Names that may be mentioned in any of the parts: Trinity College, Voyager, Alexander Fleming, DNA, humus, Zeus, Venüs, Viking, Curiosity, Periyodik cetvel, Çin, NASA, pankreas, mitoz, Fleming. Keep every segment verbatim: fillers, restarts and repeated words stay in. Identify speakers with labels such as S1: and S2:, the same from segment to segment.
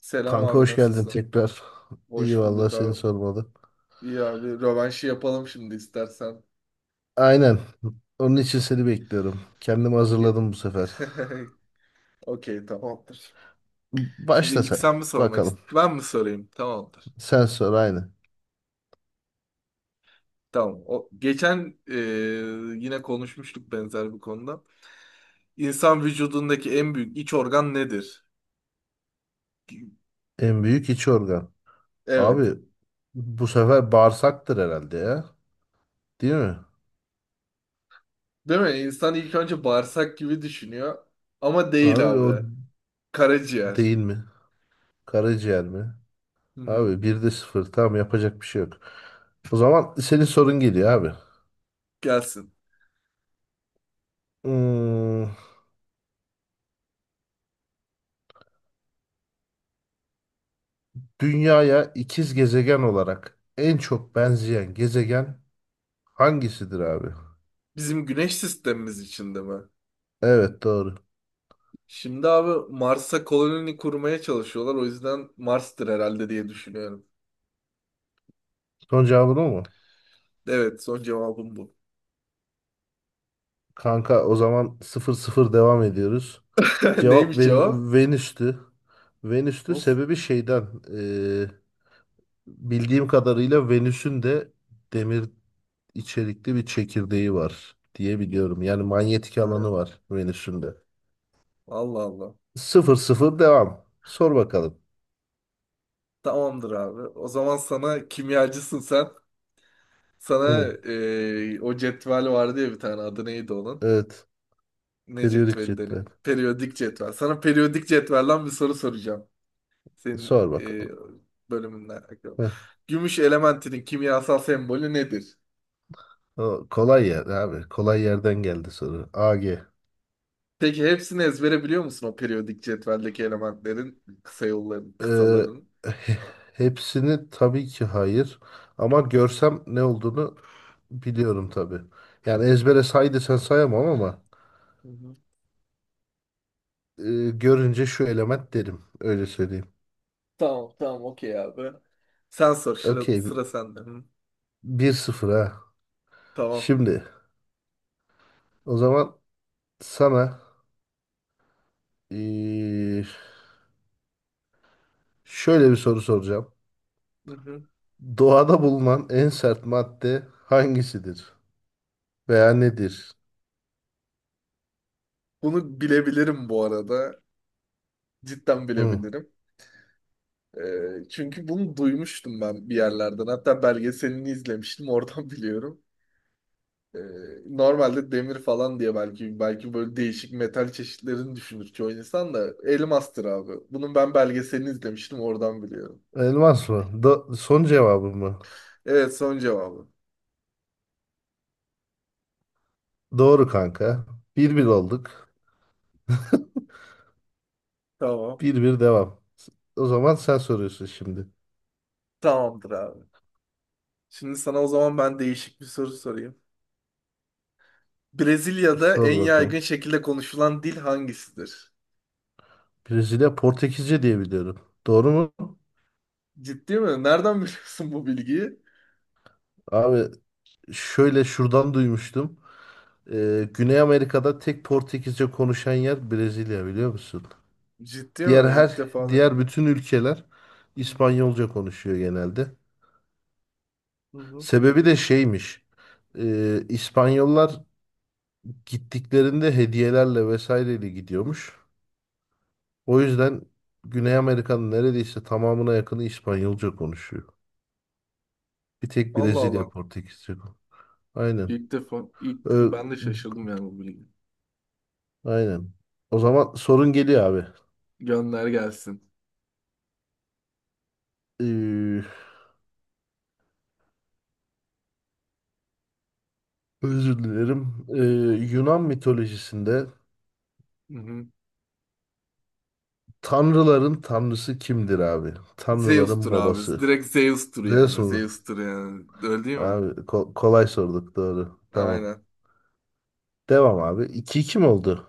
S1: Selam
S2: Kanka
S1: abi,
S2: hoş geldin
S1: nasılsın?
S2: tekrar. İyi
S1: Hoş
S2: valla
S1: bulduk
S2: seni
S1: abi.
S2: sormalı.
S1: İyi abi, rövanşı yapalım şimdi istersen.
S2: Aynen. Onun için seni bekliyorum. Kendimi
S1: Hmm, ge-
S2: hazırladım bu sefer.
S1: Okey, tamamdır. Şimdi
S2: Başla
S1: ilk
S2: sen.
S1: sen mi sormak
S2: Bakalım.
S1: istiyorsun? Ben mi sorayım? Tamamdır.
S2: Sen sor aynı.
S1: Tamam. O, geçen e, yine konuşmuştuk benzer bir konuda. İnsan vücudundaki en büyük iç organ nedir?
S2: En büyük iç organ.
S1: Evet.
S2: Abi bu sefer bağırsaktır herhalde ya. Değil mi?
S1: Değil mi? İnsan ilk önce bağırsak gibi düşünüyor. Ama
S2: Abi
S1: değil
S2: o
S1: abi. Karaciğer.
S2: değil mi? Karaciğer mi?
S1: Hı hı.
S2: Abi bir de sıfır. Tamam yapacak bir şey yok. O zaman senin sorun geliyor abi.
S1: Gelsin.
S2: Hmm, Dünyaya ikiz gezegen olarak en çok benzeyen gezegen Hangisidir abi?
S1: Bizim güneş sistemimiz içinde mi?
S2: Evet doğru.
S1: Şimdi abi, Mars'a koloni kurmaya çalışıyorlar. O yüzden Mars'tır herhalde diye düşünüyorum.
S2: Son cevabın o mu?
S1: Evet, son cevabım bu.
S2: Kanka o zaman sıfır sıfır devam ediyoruz. Cevap
S1: Neymiş cevap?
S2: Ven- Venüs'tü. Venüs'tü
S1: Nasıl?
S2: sebebi şeyden. Eee, bildiğim kadarıyla Venüs'ün de demir içerikli bir çekirdeği var diye biliyorum. Yani manyetik
S1: Ha,
S2: alanı var Venüs'ün de.
S1: Allah Allah.
S2: sıfır 0 devam. Sor bakalım.
S1: Tamamdır abi. O zaman sana, kimyacısın sen. Sana
S2: Hı,
S1: eee, o cetvel vardı ya, bir tane adı neydi onun?
S2: evet.
S1: Ne
S2: Periyodik
S1: cetveli
S2: cetvel.
S1: denen? Periyodik cetvel. Sana periyodik cetvelden bir soru soracağım. Senin
S2: Sor
S1: eee
S2: bakalım.
S1: bölümünden alakalı.
S2: Heh,
S1: Gümüş elementinin kimyasal sembolü nedir?
S2: o Kolay yer abi. Kolay yerden geldi soru. A G.
S1: Peki hepsini ezbere biliyor musun, o periyodik cetveldeki elementlerin, kısa yolların,
S2: Eee,
S1: kısaların?
S2: he- Hepsini tabii ki hayır. Ama görsem ne olduğunu biliyorum tabii. Yani ezbere say desen sayamam ama
S1: Hı hı.
S2: eee, görünce şu element derim. Öyle söyleyeyim.
S1: Tamam, tamam, okey abi. Sen sor, sıra,
S2: Okey.
S1: sıra sende. Hı,
S2: bir sıfır ha.
S1: tamam.
S2: Şimdi o zaman sana eee, şöyle bir soru soracağım.
S1: Hı hı.
S2: Doğada bulunan en sert madde hangisidir? Veya nedir?
S1: Bunu bilebilirim bu arada. Cidden
S2: Hı.
S1: bilebilirim. Ee, çünkü bunu duymuştum ben bir yerlerden. Hatta belgeselini izlemiştim, oradan biliyorum. Ee, Normalde demir falan diye belki belki böyle değişik metal çeşitlerini düşünür çoğu insan da, elmastır abi. Bunun ben belgeselini izlemiştim, oradan biliyorum.
S2: Elmas mı? Do- son cevabı mı?
S1: Evet, son cevabı.
S2: Doğru kanka. Bir bir olduk.
S1: Tamam.
S2: Bir bir devam. O zaman sen soruyorsun şimdi.
S1: Tamamdır abi. Şimdi sana o zaman ben değişik bir soru sorayım. Brezilya'da
S2: Sor
S1: en yaygın
S2: bakalım.
S1: şekilde konuşulan dil hangisidir?
S2: Brezilya Portekizce diye biliyorum. Doğru mu?
S1: Ciddi mi? Nereden biliyorsun bu bilgiyi?
S2: Abi şöyle şuradan duymuştum. Ee, Güney Amerika'da tek Portekizce konuşan yer Brezilya biliyor musun?
S1: Ciddi
S2: Diğer
S1: mi? İlk
S2: her
S1: defa duydum
S2: Diğer
S1: ben.
S2: bütün ülkeler
S1: Hı hı.
S2: İspanyolca konuşuyor genelde.
S1: Hı hı.
S2: Sebebi de şeymiş. Ee, İspanyollar gittiklerinde hediyelerle vesaireyle gidiyormuş. O yüzden Güney Amerika'nın neredeyse tamamına yakını İspanyolca konuşuyor. Bir tek
S1: Allah
S2: Brezilya
S1: Allah.
S2: Portekizce. kon- Aynen.
S1: İlk defa, ilk
S2: Ö-
S1: ben de şaşırdım yani bu bilgi.
S2: aynen. O zaman sorun geliyor abi.
S1: Gönder gelsin.
S2: Ee, Özür dilerim. Ee, Yunan mitolojisinde
S1: Hı hı.
S2: tanrıların tanrısı kimdir abi? Tanrıların
S1: Zeus'tur abi.
S2: babası.
S1: Direkt Zeus'tur
S2: Zeus
S1: yani.
S2: mu?
S1: Zeus'tur yani. Öyle değil mi?
S2: Abi ko- kolay sorduk doğru. Tamam.
S1: Aynen.
S2: Devam abi. iki iki mi oldu?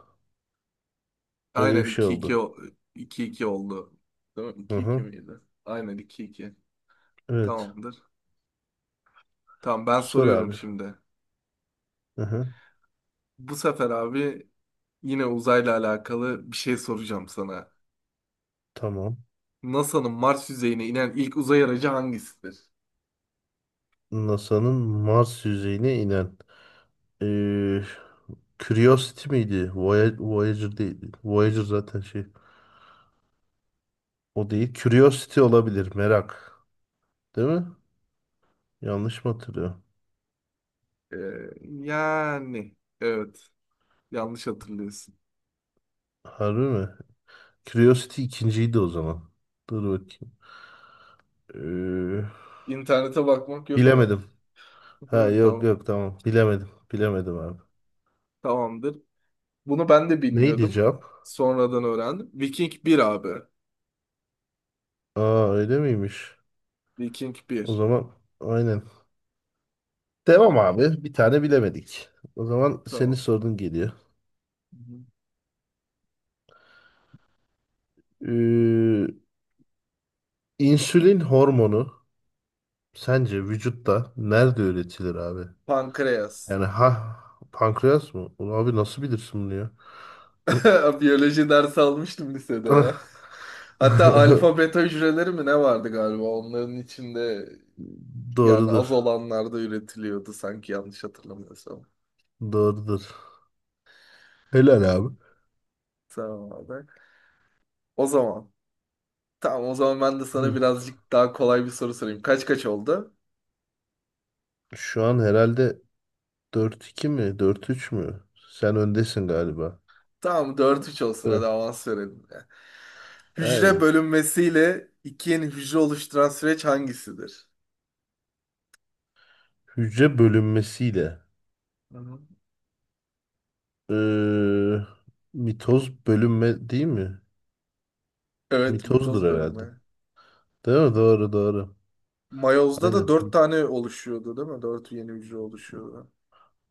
S2: Öyle bir
S1: Aynen
S2: şey
S1: iki iki
S2: oldu.
S1: o- iki 2 oldu. Değil mi?
S2: Hı
S1: İki 2
S2: hı.
S1: miydi? Aynen iki iki.
S2: Evet.
S1: Tamamdır. Tamam, ben
S2: Sor
S1: soruyorum
S2: abi.
S1: şimdi.
S2: Hı hı.
S1: Bu sefer abi, yine uzayla alakalı bir şey soracağım sana.
S2: Tamam.
S1: N A S A'nın Mars yüzeyine inen ilk uzay aracı hangisidir?
S2: NASA'nın Mars yüzeyine inen eee, Curiosity miydi? Voy- Voyager değil, Voyager zaten şey. O değil. Curiosity olabilir. Merak. Değil mi? Yanlış mı hatırlıyorum?
S1: Ee, Yani evet, yanlış hatırlıyorsun.
S2: Harbi mi? Curiosity ikinciydi o zaman. Dur bakayım. Eee,
S1: İnternete bakmak yok ama.
S2: Bilemedim. Ha,
S1: Evet,
S2: yok
S1: tamam.
S2: yok tamam. Bilemedim. Bilemedim abi.
S1: Tamamdır. Bunu ben de
S2: Neydi
S1: bilmiyordum.
S2: cevap?
S1: Sonradan öğrendim. Viking bir abi.
S2: Aa öyle miymiş?
S1: Viking
S2: O
S1: bir.
S2: zaman aynen. Devam abi. Bir tane bilemedik. O zaman senin
S1: Tamam.
S2: sorun geliyor. İnsülin hormonu sence vücutta nerede üretilir abi?
S1: Pankreas.
S2: Yani ha pankreas mı? Ulan abi nasıl bilirsin bunu ya?
S1: Biyoloji dersi almıştım lisede ya. Hatta alfa beta hücreleri mi ne vardı galiba onların içinde, yani az
S2: Doğrudur.
S1: olanlarda üretiliyordu sanki, yanlış hatırlamıyorsam.
S2: Doğrudur. Helal abi.
S1: Tamam abi. O zaman. Tamam, o zaman ben de sana
S2: Hı.
S1: birazcık daha kolay bir soru sorayım. Kaç kaç oldu?
S2: Şu an herhalde dört iki mi? dört üç mü? Sen öndesin galiba.
S1: Tamam, dört üç olsun, hadi
S2: Evet.
S1: avans verelim ya. Hücre
S2: Aynen.
S1: bölünmesiyle iki yeni hücre oluşturan süreç hangisidir?
S2: Hücre bölünmesiyle.
S1: Hı hı.
S2: Ee, Mitoz bölünme değil mi?
S1: Evet,
S2: Mitozdur
S1: mitoz
S2: herhalde.
S1: bölünme.
S2: Değil mi? Doğru doğru.
S1: Mayoz'da da
S2: Aynen.
S1: dört tane oluşuyordu değil mi? Dört yeni hücre oluşuyordu.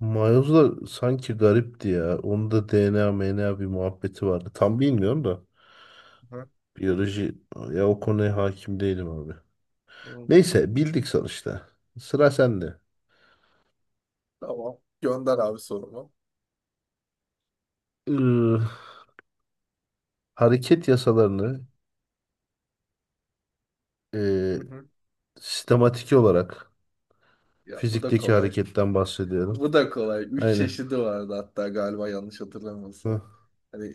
S2: Miles'la sanki garipti ya. Onun da D N A, M N A bir muhabbeti vardı. Tam bilmiyorum da.
S1: Hı
S2: Biyoloji ya o konuya hakim değilim abi.
S1: hı.
S2: Neyse bildik sonuçta. Sıra sende.
S1: Tamam. Gönder abi sorumu.
S2: Iı, Hareket yasalarını
S1: Hı
S2: eee,
S1: hı.
S2: sistematik olarak
S1: Ya bu da
S2: fizikteki
S1: kolay.
S2: hareketten bahsediyorum.
S1: Bu da kolay. Üç
S2: Aynen.
S1: çeşidi vardı hatta galiba, yanlış
S2: Hı,
S1: hatırlamıyorsam. Hani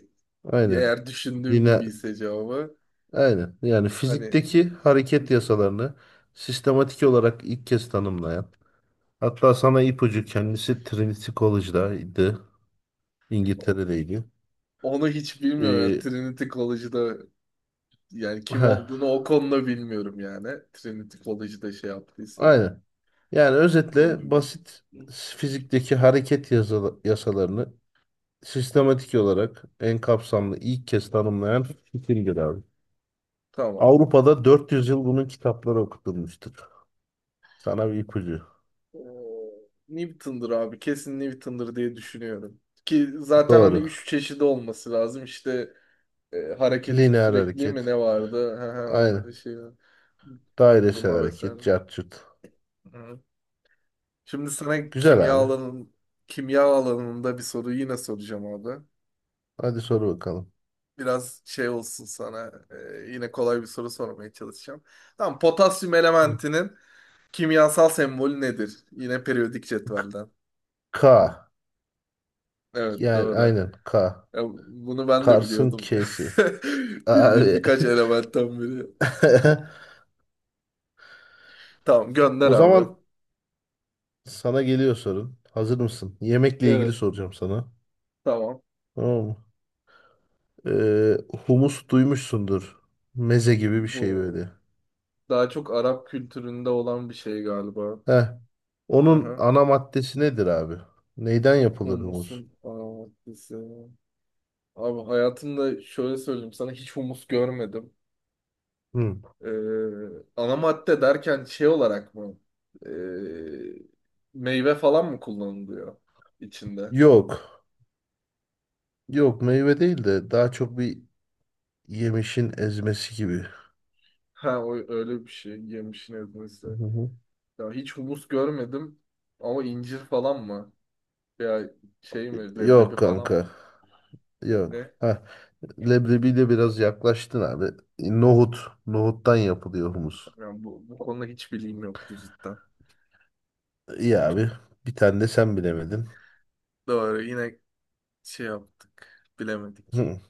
S2: aynen.
S1: eğer düşündüğüm
S2: Yine
S1: gibiyse cevabı.
S2: aynen. Yani
S1: Hani,
S2: fizikteki
S1: hı
S2: hareket
S1: hı.
S2: yasalarını sistematik olarak ilk kez tanımlayan. Hatta sana ipucu kendisi Trinity College'daydı. İngiltere'deydi.
S1: Onu hiç bilmiyorum. Yani
S2: Ee,
S1: Trinity College'da, yani kim
S2: ha,
S1: olduğunu o konuda bilmiyorum yani. Trinity College'da şey yaptıysa.
S2: aynen. Yani özetle
S1: Konu...
S2: basit fizikteki hareket yasa- yasalarını sistematik olarak en kapsamlı ilk kez tanımlayan Fikin'dir abi.
S1: Tamam.
S2: Avrupa'da dört yüz yıl bunun kitapları okutulmuştur. Sana bir ipucu.
S1: Ee, Newton'dur abi. Kesin Newton'dur diye düşünüyorum. Ki zaten hani
S2: Doğru.
S1: üç çeşidi olması lazım. İşte e, hareketin
S2: Lineer
S1: sürekliliği mi
S2: hareket.
S1: ne vardı? Hı hı, onların
S2: Aynen.
S1: şey
S2: Dairesel
S1: duruma vesaire.
S2: hareket. Cart curt.
S1: Hı. Şimdi sana
S2: Güzel
S1: kimya
S2: abi.
S1: alanın kimya alanında bir soru yine soracağım abi.
S2: Hadi soru bakalım.
S1: Biraz şey olsun sana. E, yine kolay bir soru sormaya çalışacağım. Tamam, potasyum elementinin kimyasal sembolü nedir? Yine periyodik cetvelden.
S2: K.
S1: Evet,
S2: Yani
S1: doğru.
S2: aynen K.
S1: Ya bunu ben de
S2: Kars'ın
S1: biliyordum.
S2: K'si.
S1: Bildiğim
S2: Abi.
S1: birkaç elementten biri. Tamam, gönder
S2: O
S1: abi.
S2: zaman sana geliyor sorun. Hazır mısın? Yemekle ilgili
S1: Evet.
S2: soracağım sana.
S1: Tamam.
S2: Tamam mı? Ee, Humus duymuşsundur. Meze gibi bir şey
S1: Bu
S2: böyle.
S1: daha çok Arap kültüründe olan bir şey galiba.
S2: Heh. Onun
S1: Aha.
S2: ana maddesi nedir abi? Neyden yapılır
S1: Humusun
S2: humus?
S1: aromatisi. Abi, hayatımda şöyle söyleyeyim sana, hiç humus görmedim.
S2: Hı.
S1: Ee, Ana madde derken şey olarak mı? Ee, Meyve falan mı kullanılıyor içinde?
S2: Yok. Yok meyve değil de daha çok bir yemişin ezmesi gibi.
S1: Ha o, öyle bir şey, yemişin ezmesi.
S2: Hı hı.
S1: Ya hiç humus görmedim ama incir falan mı? Ya şey mi, leblebi
S2: Yok
S1: falan mı?
S2: kanka. Yok.
S1: Ne?
S2: Heh. Leblebiyle biraz yaklaştın abi. Nohut. Nohuttan yapılıyor humus.
S1: Yani bu, bu konuda hiç bilgim yoktu cidden.
S2: İyi abi. Bir tane de sen bilemedin.
S1: Doğru, yine şey yaptık, bilemedik.
S2: Hı,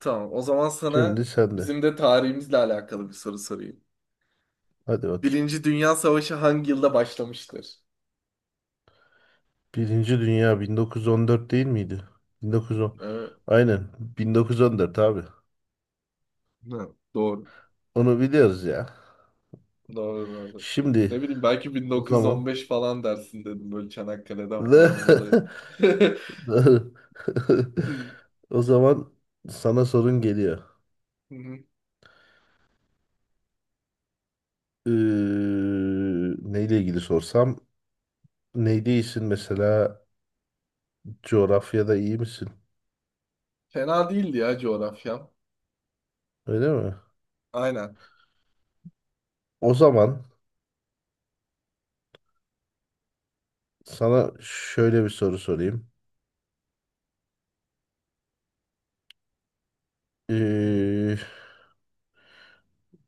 S1: Tamam, o zaman
S2: Şimdi
S1: sana
S2: sen de.
S1: bizim de tarihimizle alakalı bir soru sorayım.
S2: Hadi bakayım.
S1: Birinci Dünya Savaşı hangi yılda başlamıştır?
S2: Birinci Dünya bin dokuz yüz on dört değil miydi? bin dokuz yüz on.
S1: Evet.
S2: Aynen. bin dokuz yüz on dört abi.
S1: Hı, doğru.
S2: Onu biliyoruz ya.
S1: Doğru doğru.
S2: Şimdi
S1: Ne bileyim, belki
S2: o zaman.
S1: bin dokuz yüz on beş falan dersin dedim böyle Çanakkale'den falan dolayı.
S2: Doğru.
S1: Hı,
S2: o zaman sana sorun geliyor.
S1: hı.
S2: Ee, Neyle ilgili sorsam neyde iyisin mesela coğrafyada iyi misin?
S1: Fena değildi ya coğrafyam.
S2: Öyle mi?
S1: Aynen.
S2: O zaman sana şöyle bir soru sorayım. Ee,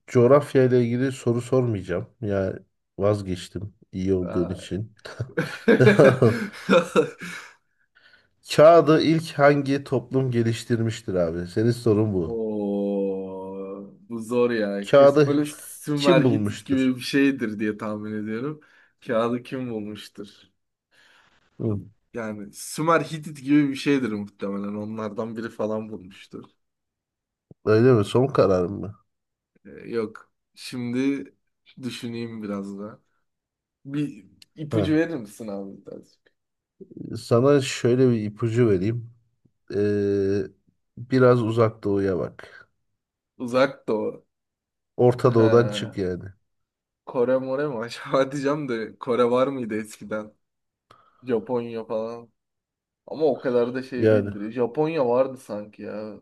S2: Coğrafya ile ilgili soru sormayacağım. yani vazgeçtim iyi olduğun
S1: Ay.
S2: için. Kağıdı ilk hangi toplum geliştirmiştir abi? Senin sorun bu.
S1: Oo, bu zor ya. Kesin
S2: Kağıdı
S1: böyle Sümer
S2: kim
S1: Hitit
S2: bulmuştur?
S1: gibi bir şeydir diye tahmin ediyorum. Kağıdı kim bulmuştur?
S2: Hı.
S1: Yani Sümer Hitit gibi bir şeydir muhtemelen. Onlardan biri falan bulmuştur.
S2: Öyle mi? Son kararım mı?
S1: Ee, Yok. Şimdi düşüneyim biraz da. Bir
S2: Heh.
S1: ipucu verir misin abi birazcık?
S2: Sana şöyle bir ipucu vereyim. Ee, Biraz uzak doğuya bak.
S1: Uzak Doğu.
S2: Orta doğudan
S1: Ha,
S2: çık yani.
S1: Kore more mu acaba diyeceğim de, Kore var mıydı eskiden? Japonya falan. Ama o kadar da şey
S2: Yani.
S1: değildir. Japonya vardı sanki ya.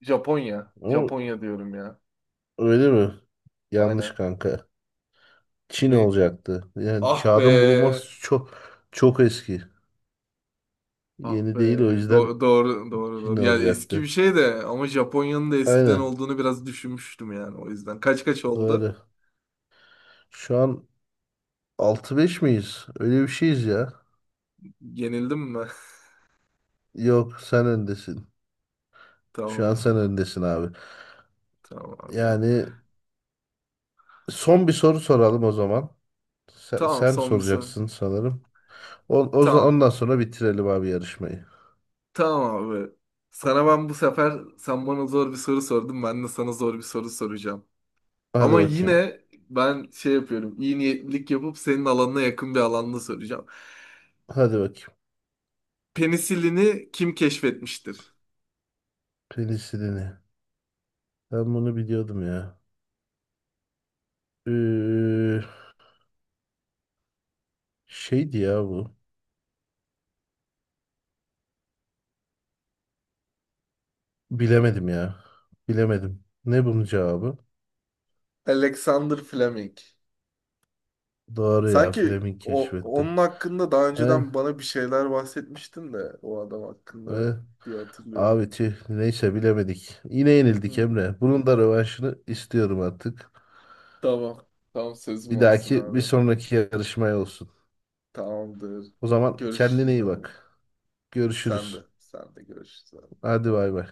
S1: Japonya.
S2: Ama
S1: Japonya diyorum ya.
S2: öyle mi? Yanlış
S1: Aynen.
S2: kanka. Çin
S1: Ne?
S2: olacaktı. Yani
S1: Ah be.
S2: kağıdın bulunması çok çok eski.
S1: Ah be.
S2: Yeni değil o yüzden
S1: Do- doğru doğru
S2: Çin
S1: doğru. Yani eski
S2: alacaktı.
S1: bir şey de, ama Japonya'nın da eskiden
S2: Aynen
S1: olduğunu biraz düşünmüştüm yani, o yüzden. Kaç kaç oldu?
S2: doğru. Şu an altı beş miyiz? Öyle bir şeyiz ya.
S1: Yenildim mi?
S2: Yok sen öndesin. Şu an sen
S1: Tamamdır.
S2: öndesin abi.
S1: Tamam abi.
S2: Yani son bir soru soralım o zaman. Sen,
S1: Tamam,
S2: sen
S1: son bir soru.
S2: soracaksın sanırım. O, o, za-
S1: Tamam.
S2: ondan sonra bitirelim abi yarışmayı.
S1: Tamam abi. Sana ben bu sefer, sen bana zor bir soru sordun, ben de sana zor bir soru soracağım.
S2: Hadi
S1: Ama
S2: bakayım.
S1: yine ben şey yapıyorum, iyi niyetlilik yapıp senin alanına yakın bir alanda soracağım.
S2: Hadi bakayım.
S1: Penisilini kim keşfetmiştir?
S2: Penisilini. Ben bunu biliyordum ya. Ee, Şeydi ya bu. Bilemedim ya. Bilemedim. Ne bunun cevabı?
S1: Alexander Fleming.
S2: Doğru ya.
S1: Sanki
S2: Fleming
S1: o,
S2: keşfetti.
S1: onun hakkında daha
S2: Aynen.
S1: önceden bana bir şeyler bahsetmiştin de, o adam hakkında
S2: aynen.
S1: diye hatırlıyorum.
S2: Abi tüh. Neyse bilemedik. Yine yenildik
S1: Hı.
S2: Emre. Bunun da rövanşını istiyorum artık.
S1: Tamam. Tamam, sözüm
S2: Bir
S1: olsun
S2: dahaki, bir
S1: abi.
S2: sonraki yarışmaya olsun.
S1: Tamamdır.
S2: O zaman kendine
S1: Görüşürüz
S2: iyi
S1: abi.
S2: bak.
S1: Sen de.
S2: Görüşürüz.
S1: Sen de görüşürüz abi.
S2: Hadi
S1: Bay bay.
S2: bay bay.